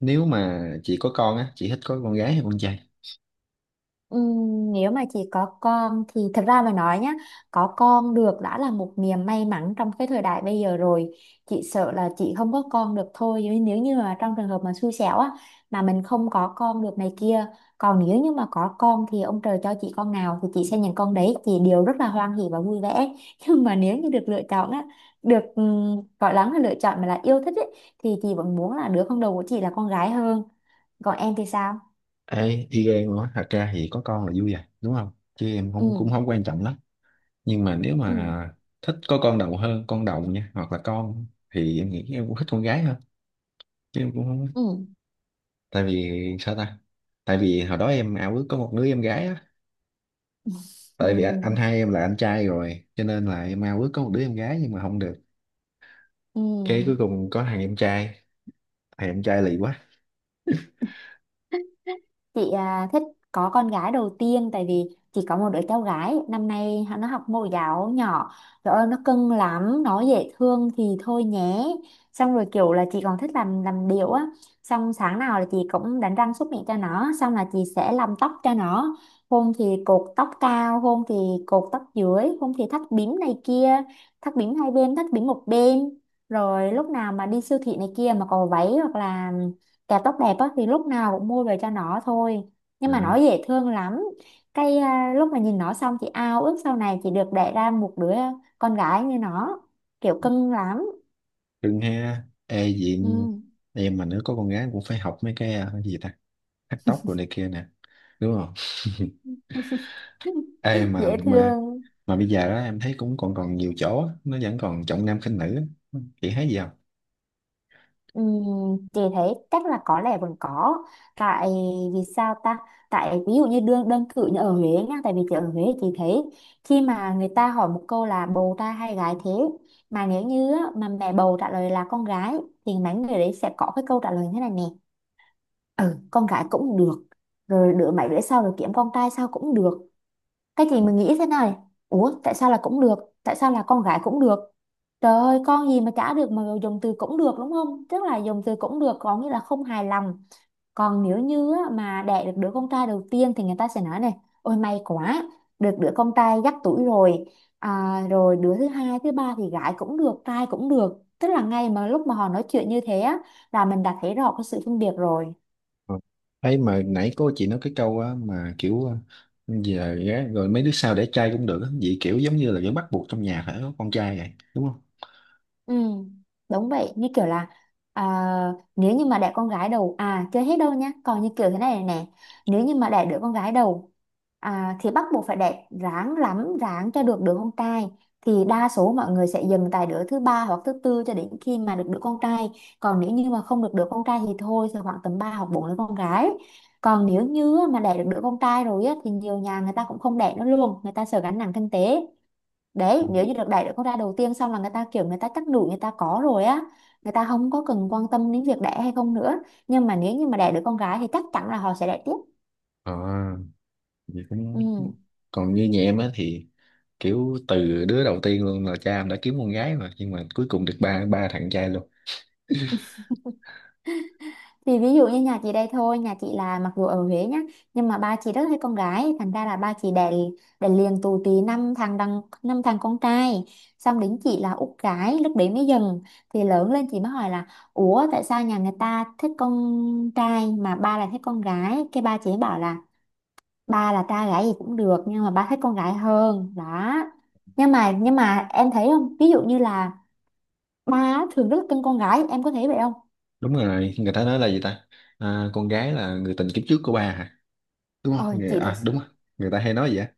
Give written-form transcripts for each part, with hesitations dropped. Nếu mà chị có con á, chị thích có con gái hay con trai? Nếu mà chỉ có con thì thật ra mà nói nhá, có con được đã là một niềm may mắn trong cái thời đại bây giờ rồi. Chị sợ là chị không có con được thôi, nhưng nếu như mà trong trường hợp mà xui xẻo á, mà mình không có con được này kia. Còn nếu như mà có con thì ông trời cho chị con nào thì chị sẽ nhận con đấy, chị đều rất là hoan hỉ và vui vẻ. Nhưng mà nếu như được lựa chọn á, được gọi lắm là lựa chọn mà là yêu thích ấy, thì chị vẫn muốn là đứa con đầu của chị là con gái hơn. Còn em thì sao? Ê, y gan nữa, thật ra thì có con là vui rồi đúng không, chứ em Ừ. không cũng không quan trọng lắm. Nhưng mà nếu Ừ. mà thích có con đầu hơn con đồng nha, hoặc là con thì em nghĩ em cũng thích con gái hơn, chứ em cũng không. Ừ. Tại vì sao ta? Tại vì hồi đó em ao ước có một đứa em gái á. Ừ. Tại vì anh hai em là anh trai rồi cho nên là em ao ước có một đứa em gái nhưng mà không được. Ừ. Cái cuối cùng có thằng em trai, thằng em trai lì quá. Chị thích có con gái đầu tiên tại vì chỉ có một đứa cháu gái, năm nay nó học mẫu giáo nhỏ. Trời ơi, nó cưng lắm, nó dễ thương thì thôi nhé. Xong rồi kiểu là chị còn thích làm điệu á, xong sáng nào là chị cũng đánh răng súc miệng cho nó, xong là chị sẽ làm tóc cho nó. Hôm thì cột tóc cao, hôm thì cột tóc dưới, hôm thì thắt bím này kia, thắt bím hai bên, thắt bím một bên. Rồi lúc nào mà đi siêu thị này kia mà có váy hoặc là kẹo tóc đẹp á thì lúc nào cũng mua về cho nó thôi. Nhưng mà nó Ừ. dễ thương lắm. Lúc mà nhìn nó xong chị ao ước sau này chị được đẻ ra một đứa con gái như nó, kiểu cưng lắm. Cưng ha. Ê gì, Ừ. em mà nếu có con gái cũng phải học mấy cái, cái gì ta, cắt tóc rồi này kia nè, đúng không? Ê mà Dễ mà thương. mà bây giờ đó em thấy cũng còn còn nhiều chỗ á, nó vẫn còn trọng nam khinh nữ á. Chị thấy gì không? Chị thấy chắc là có lẽ vẫn có. Tại vì sao ta? Tại ví dụ như đơn đơn cử như ở Huế nha, tại vì chị ở Huế chị thấy khi mà người ta hỏi một câu là bầu trai hay gái thế, mà nếu như á, mà mẹ bầu trả lời là con gái, thì mấy người đấy sẽ có cái câu trả lời thế này nè: ừ con gái cũng được, rồi đứa mấy đứa sau rồi kiếm con trai sao cũng được. Cái gì mình nghĩ thế này: ủa tại sao là cũng được, tại sao là con gái cũng được? Trời ơi con gì mà chả được, mà dùng từ cũng được đúng không, tức là dùng từ cũng được có nghĩa là không hài lòng. Còn nếu như á, mà đẻ được đứa con trai đầu tiên thì người ta sẽ nói này: ôi may quá, được đứa con trai dắt tuổi rồi. Rồi đứa thứ hai thứ ba thì gái cũng được trai cũng được, tức là ngay mà lúc mà họ nói chuyện như thế á, là mình đã thấy rõ cái sự phân biệt rồi. Ừ. Thấy mà nãy cô chị nói cái câu á, mà kiểu giờ gái rồi mấy đứa sau để trai cũng được á. Vậy kiểu giống như là vẫn bắt buộc trong nhà phải có con trai vậy, đúng không? Ừ, đúng vậy như kiểu là, à, nếu như mà đẻ con gái đầu à chưa hết đâu nhá, còn như kiểu thế này này nè, nếu như mà đẻ đứa con gái đầu, thì bắt buộc phải đẻ, ráng lắm ráng cho được đứa con trai. Thì đa số mọi người sẽ dừng tại đứa thứ ba hoặc thứ tư cho đến khi mà được đứa con trai. Còn nếu như mà không được đứa con trai thì thôi, sẽ khoảng tầm 3 hoặc 4 đứa con gái. Còn nếu như mà đẻ được đứa con trai rồi á, thì nhiều nhà người ta cũng không đẻ nữa luôn, người ta sợ gánh nặng kinh tế. Ừ. Đấy, nếu như được đẩy được con ra đầu tiên xong là người ta kiểu, người ta chắc đủ, người ta có rồi á, người ta không có cần quan tâm đến việc đẻ hay không nữa. Nhưng mà nếu như mà đẻ được con gái thì chắc chắn là họ sẽ đẻ tiếp. Ờ, vậy cũng Ừ. còn như nhà em á thì kiểu từ đứa đầu tiên luôn là cha em đã kiếm con gái mà, nhưng mà cuối cùng được ba ba thằng trai luôn. Thì ví dụ như nhà chị đây thôi, nhà chị là mặc dù ở Huế nhá, nhưng mà ba chị rất thích con gái thành ra là ba chị đẻ đẻ liền tù tì năm thằng, đằng năm thằng con trai. Xong đến chị là út gái, lúc đấy mới dần. Thì lớn lên chị mới hỏi là: ủa tại sao nhà người ta thích con trai mà ba lại thích con gái, cái ba chị ấy bảo là: ba là trai gái gì cũng được nhưng mà ba thích con gái hơn đó. Nhưng mà em thấy không, ví dụ như là ba á, thường rất là cưng con gái, em có thấy vậy không? Đúng rồi, người ta nói là gì ta, à, con gái là người tình kiếp trước của ba hả? Đúng ờ không người, chị thật à s- đúng rồi, người ta hay nói vậy á.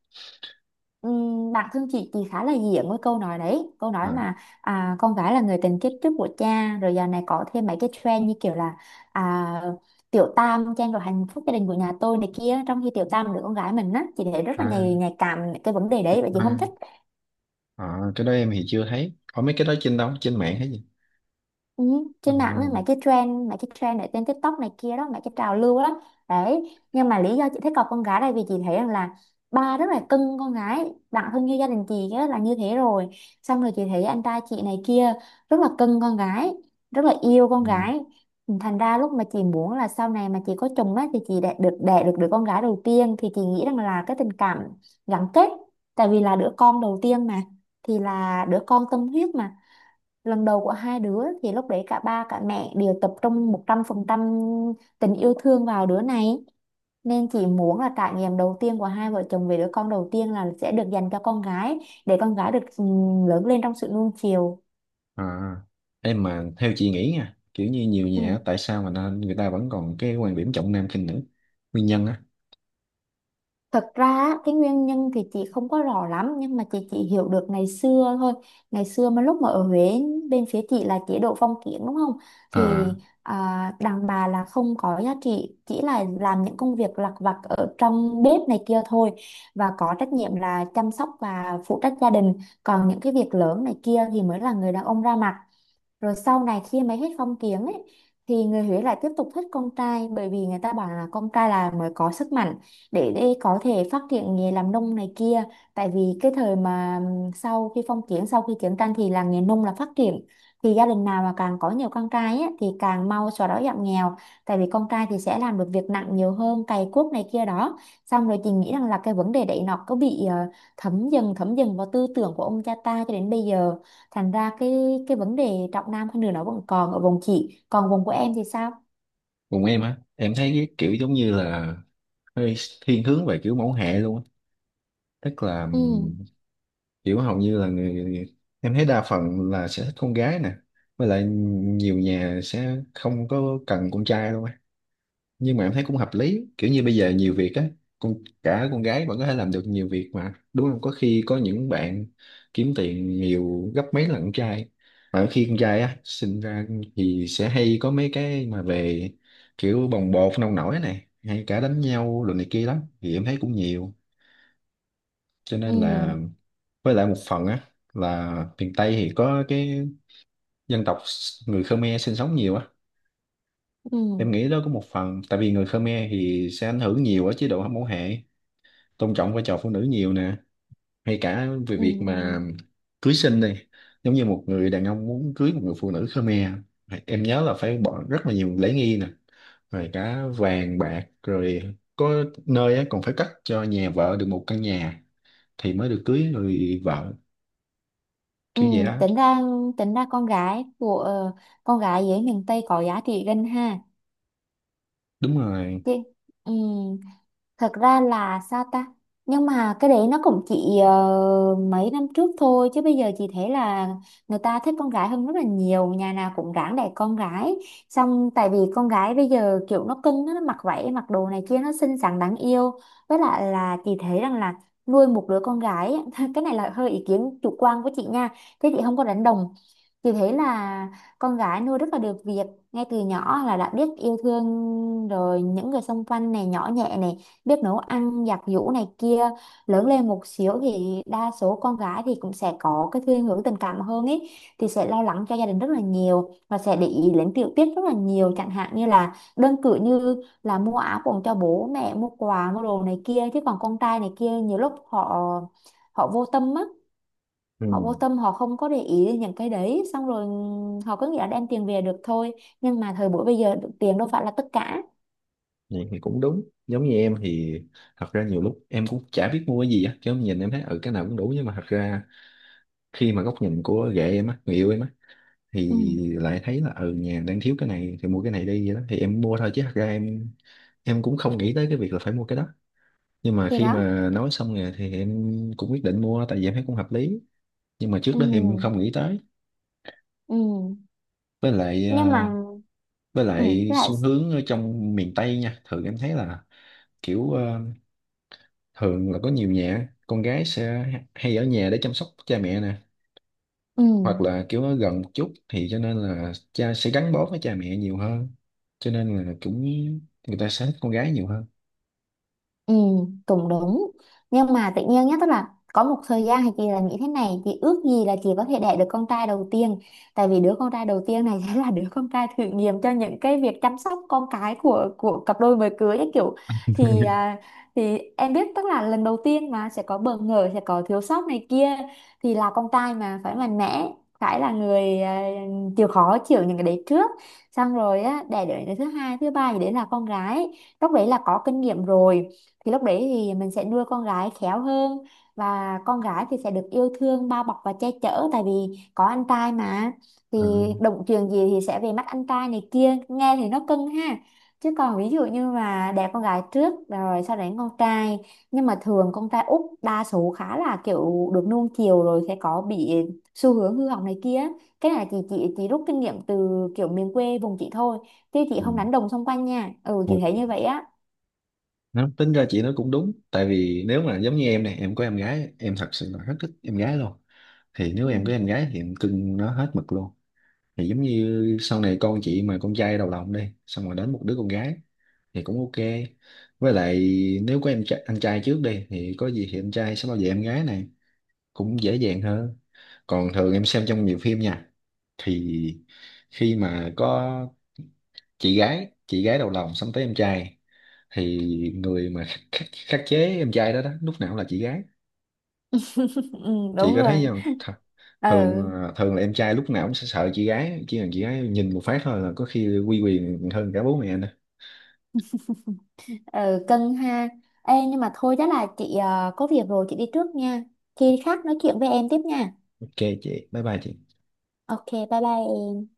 Bản thân chị khá là diện với câu nói đấy, câu nói À, mà con gái là người tình kiếp trước của cha, rồi giờ này có thêm mấy cái trend như kiểu là à, tiểu tam trang rồi hạnh phúc gia đình của nhà tôi này kia, trong khi tiểu tam là đứa con gái mình á, chị thấy rất là à, nhạy nhạy cảm cái vấn đề đấy và chị à, không thích. à, cái đó em thì chưa thấy có mấy cái đó trên đâu, trên mạng hay gì. Ừ, À, trên mạng á, mấy cái trend ở trên TikTok này kia đó, mấy cái trào lưu đó. Đấy nhưng mà lý do chị thích cọc con gái đây vì chị thấy rằng là ba rất là cưng con gái, đặng thân như gia đình chị á, là như thế rồi. Xong rồi chị thấy anh trai chị này kia rất là cưng con gái, rất là yêu con ừ. gái. Thành ra lúc mà chị muốn là sau này mà chị có chồng á thì chị đẻ được đứa con gái đầu tiên thì chị nghĩ rằng là cái tình cảm gắn kết, tại vì là đứa con đầu tiên mà, thì là đứa con tâm huyết mà, lần đầu của hai đứa thì lúc đấy cả ba cả mẹ đều tập trung 100% tình yêu thương vào đứa này. Nên chị muốn là trải nghiệm đầu tiên của hai vợ chồng về đứa con đầu tiên là sẽ được dành cho con gái, để con gái được lớn lên trong sự nuông chiều. À, em mà theo chị nghĩ nha, kiểu như nhiều nhà Ừ. á, tại sao mà nó- người ta vẫn còn cái quan điểm trọng nam khinh nữ, nguyên nhân á? Thật ra á, cái nguyên nhân thì chị không có rõ lắm nhưng mà chị chỉ hiểu được ngày xưa thôi. Ngày xưa mà lúc mà ở Huế, bên phía chị là chế độ phong kiến đúng không? Thì À, đàn bà là không có giá trị, chỉ là làm những công việc lặt vặt ở trong bếp này kia thôi và có trách nhiệm là chăm sóc và phụ trách gia đình. Còn những cái việc lớn này kia thì mới là người đàn ông ra mặt. Rồi sau này khi mà hết phong kiến ấy thì người Huế lại tiếp tục thích con trai, bởi vì người ta bảo là con trai là mới có sức mạnh để có thể phát triển nghề làm nông này kia. Tại vì cái thời mà sau khi phong kiến, sau khi chiến tranh thì là nghề nông là phát triển. Thì gia đình nào mà càng có nhiều con trai ấy, thì càng mau xóa đói giảm nghèo. Tại vì con trai thì sẽ làm được việc nặng nhiều hơn, cày cuốc này kia đó. Xong rồi chị nghĩ rằng là cái vấn đề đấy nó có bị thấm dần vào tư tưởng của ông cha ta cho đến bây giờ, thành ra cái vấn đề trọng nam khinh nữ nó vẫn còn ở vùng chị, còn vùng của em thì sao? cùng em á, em thấy cái kiểu giống như là hơi thiên hướng về kiểu mẫu hệ luôn á. Tức là Ừ. Kiểu hầu như là người em thấy đa phần là sẽ thích con gái nè. Với lại nhiều nhà sẽ không có cần con trai luôn á, nhưng mà em thấy cũng hợp lý, kiểu như bây giờ nhiều việc á, con cả con gái vẫn có thể làm được nhiều việc mà, đúng không, có khi có những bạn kiếm tiền nhiều gấp mấy lần con trai. Mà khi con trai á sinh ra thì sẽ hay có mấy cái mà về kiểu bồng bột nông nổi này, hay cả đánh nhau rồi này kia lắm, thì em thấy cũng nhiều, cho Ừ. nên là với lại một phần á là miền Tây thì có cái dân tộc người Khmer sinh sống nhiều á. Ừ. Em nghĩ đó có một phần tại vì người Khmer thì sẽ ảnh hưởng nhiều ở chế độ hâm mẫu hệ, tôn trọng vai trò phụ nữ nhiều nè, hay cả về việc mà Ừ. cưới xin đi, giống như một người đàn ông muốn cưới một người phụ nữ Khmer, em nhớ là phải bỏ rất là nhiều lễ nghi nè, rồi cả vàng bạc, rồi có nơi á, còn phải cắt cho nhà vợ được một căn nhà thì mới được cưới người vợ, Ừ. kiểu vậy đó. tính ra tính ra con gái của con gái dưới miền Tây có giá trị gần ha. Đúng rồi, Chứ. Ừ. Thật ra là sao ta? Nhưng mà cái đấy nó cũng chỉ mấy năm trước thôi, chứ bây giờ chị thấy là người ta thích con gái hơn rất là nhiều, nhà nào cũng ráng đẻ con gái. Xong tại vì con gái bây giờ kiểu nó cưng á, nó mặc váy mặc đồ này kia nó xinh xắn đáng yêu. Với lại là chị thấy rằng là nuôi một đứa con gái á, cái này là hơi ý kiến chủ quan của chị nha, thế chị không có đánh đồng. Chị thấy là con gái nuôi rất là được việc, ngay từ nhỏ là đã biết yêu thương rồi những người xung quanh này, nhỏ nhẹ này, biết nấu ăn giặt giũ này kia. Lớn lên một xíu thì đa số con gái thì cũng sẽ có cái thiên hướng tình cảm hơn ấy, thì sẽ lo lắng cho gia đình rất là nhiều và sẽ để ý đến tiểu tiết rất là nhiều, chẳng hạn như là đơn cử như là mua áo quần cho bố mẹ, mua quà, mua đồ này kia. Chứ còn con trai này kia nhiều lúc họ họ vô tâm á, ừ, họ vô tâm họ không có để ý đến những cái đấy, xong rồi họ cứ nghĩ là đem tiền về được thôi. Nhưng mà thời buổi bây giờ tiền đâu phải là tất cả. vậy thì cũng đúng. Giống như em thì thật ra nhiều lúc em cũng chả biết mua cái gì á, chứ em nhìn em thấy ừ cái nào cũng đủ, nhưng mà thật ra khi mà góc nhìn của ghệ em á, người yêu em á, Ừ thì lại thấy là ừ nhà đang thiếu cái này thì mua cái này đi, vậy đó thì em mua thôi, chứ thật ra em cũng không nghĩ tới cái việc là phải mua cái đó. Nhưng mà thì khi đó. mà nói xong rồi thì em cũng quyết định mua, tại vì em thấy cũng hợp lý, nhưng mà trước Ừ. đó thì em không nghĩ tới. Ừ. Với lại Nhưng mà. với Ừ lại lại. xu hướng ở trong miền Tây nha, thường em thấy là kiểu thường là có nhiều nhà con gái sẽ hay ở nhà để chăm sóc cha mẹ nè, Ừ. hoặc là kiểu nó gần một chút thì cho nên là cha sẽ gắn bó với cha mẹ nhiều hơn, cho nên là cũng người ta sẽ thích con gái nhiều hơn. Ừ, cũng đúng. Nhưng mà tự nhiên nhá, tức là có một thời gian thì chị là nghĩ thế này, chị ước gì là chị có thể đẻ được con trai đầu tiên. Tại vì đứa con trai đầu tiên này sẽ là đứa con trai thử nghiệm cho những cái việc chăm sóc con cái của cặp đôi mới cưới ấy kiểu, thì à, thì em biết tức là lần đầu tiên mà sẽ có bỡ ngỡ, sẽ có thiếu sót này kia, thì là con trai mà phải mạnh mẽ, phải là người chịu khó chịu những cái đấy trước. Xong rồi á, đẻ đứa thứ hai, thứ ba gì đấy là con gái. Lúc đấy là có kinh nghiệm rồi thì lúc đấy thì mình sẽ nuôi con gái khéo hơn, và con gái thì sẽ được yêu thương bao bọc và che chở, tại vì có anh trai mà, thì À, động chuyện gì thì sẽ về mắt anh trai này kia, nghe thì nó cưng ha. Chứ còn ví dụ như mà đẻ con gái trước rồi sau đấy con trai, nhưng mà thường con trai út đa số khá là kiểu được nuông chiều rồi sẽ có bị xu hướng hư hỏng này kia. Cái này chị rút kinh nghiệm từ kiểu miền quê vùng chị thôi, chứ chị ừ. không đánh đồng xung quanh nha. Ừ Ừ. chị thấy như vậy á. Nó tính ra chị nói cũng đúng, tại vì nếu mà giống như em này, em có em gái em thật sự là rất thích em gái luôn, thì nếu Ừ. em có em gái thì em cưng nó hết mực luôn. Thì giống như sau này con chị mà con trai đầu lòng đi xong rồi đến một đứa con gái thì cũng ok. Với lại nếu có em trai, anh trai trước đi thì có gì thì anh trai sẽ bảo vệ em gái này, cũng dễ dàng hơn. Còn thường em xem trong nhiều phim nha, thì khi mà có chị gái đầu lòng sắm tới em trai, thì người mà khắc chế em trai đó đó lúc nào cũng là chị gái. Ừ, Chị đúng có rồi. thấy không Th? Thường Ừ. ờ, thường là em trai lúc nào cũng sẽ sợ chị gái, chỉ cần chị gái nhìn một phát thôi là có khi quy quyền hơn cả bố mẹ nữa. Ừ, cân ha. Ê nhưng mà thôi chắc là chị có việc rồi chị đi trước nha. Khi khác nói chuyện với em tiếp nha. Ok, chị bye bye chị. Ok, bye bye em.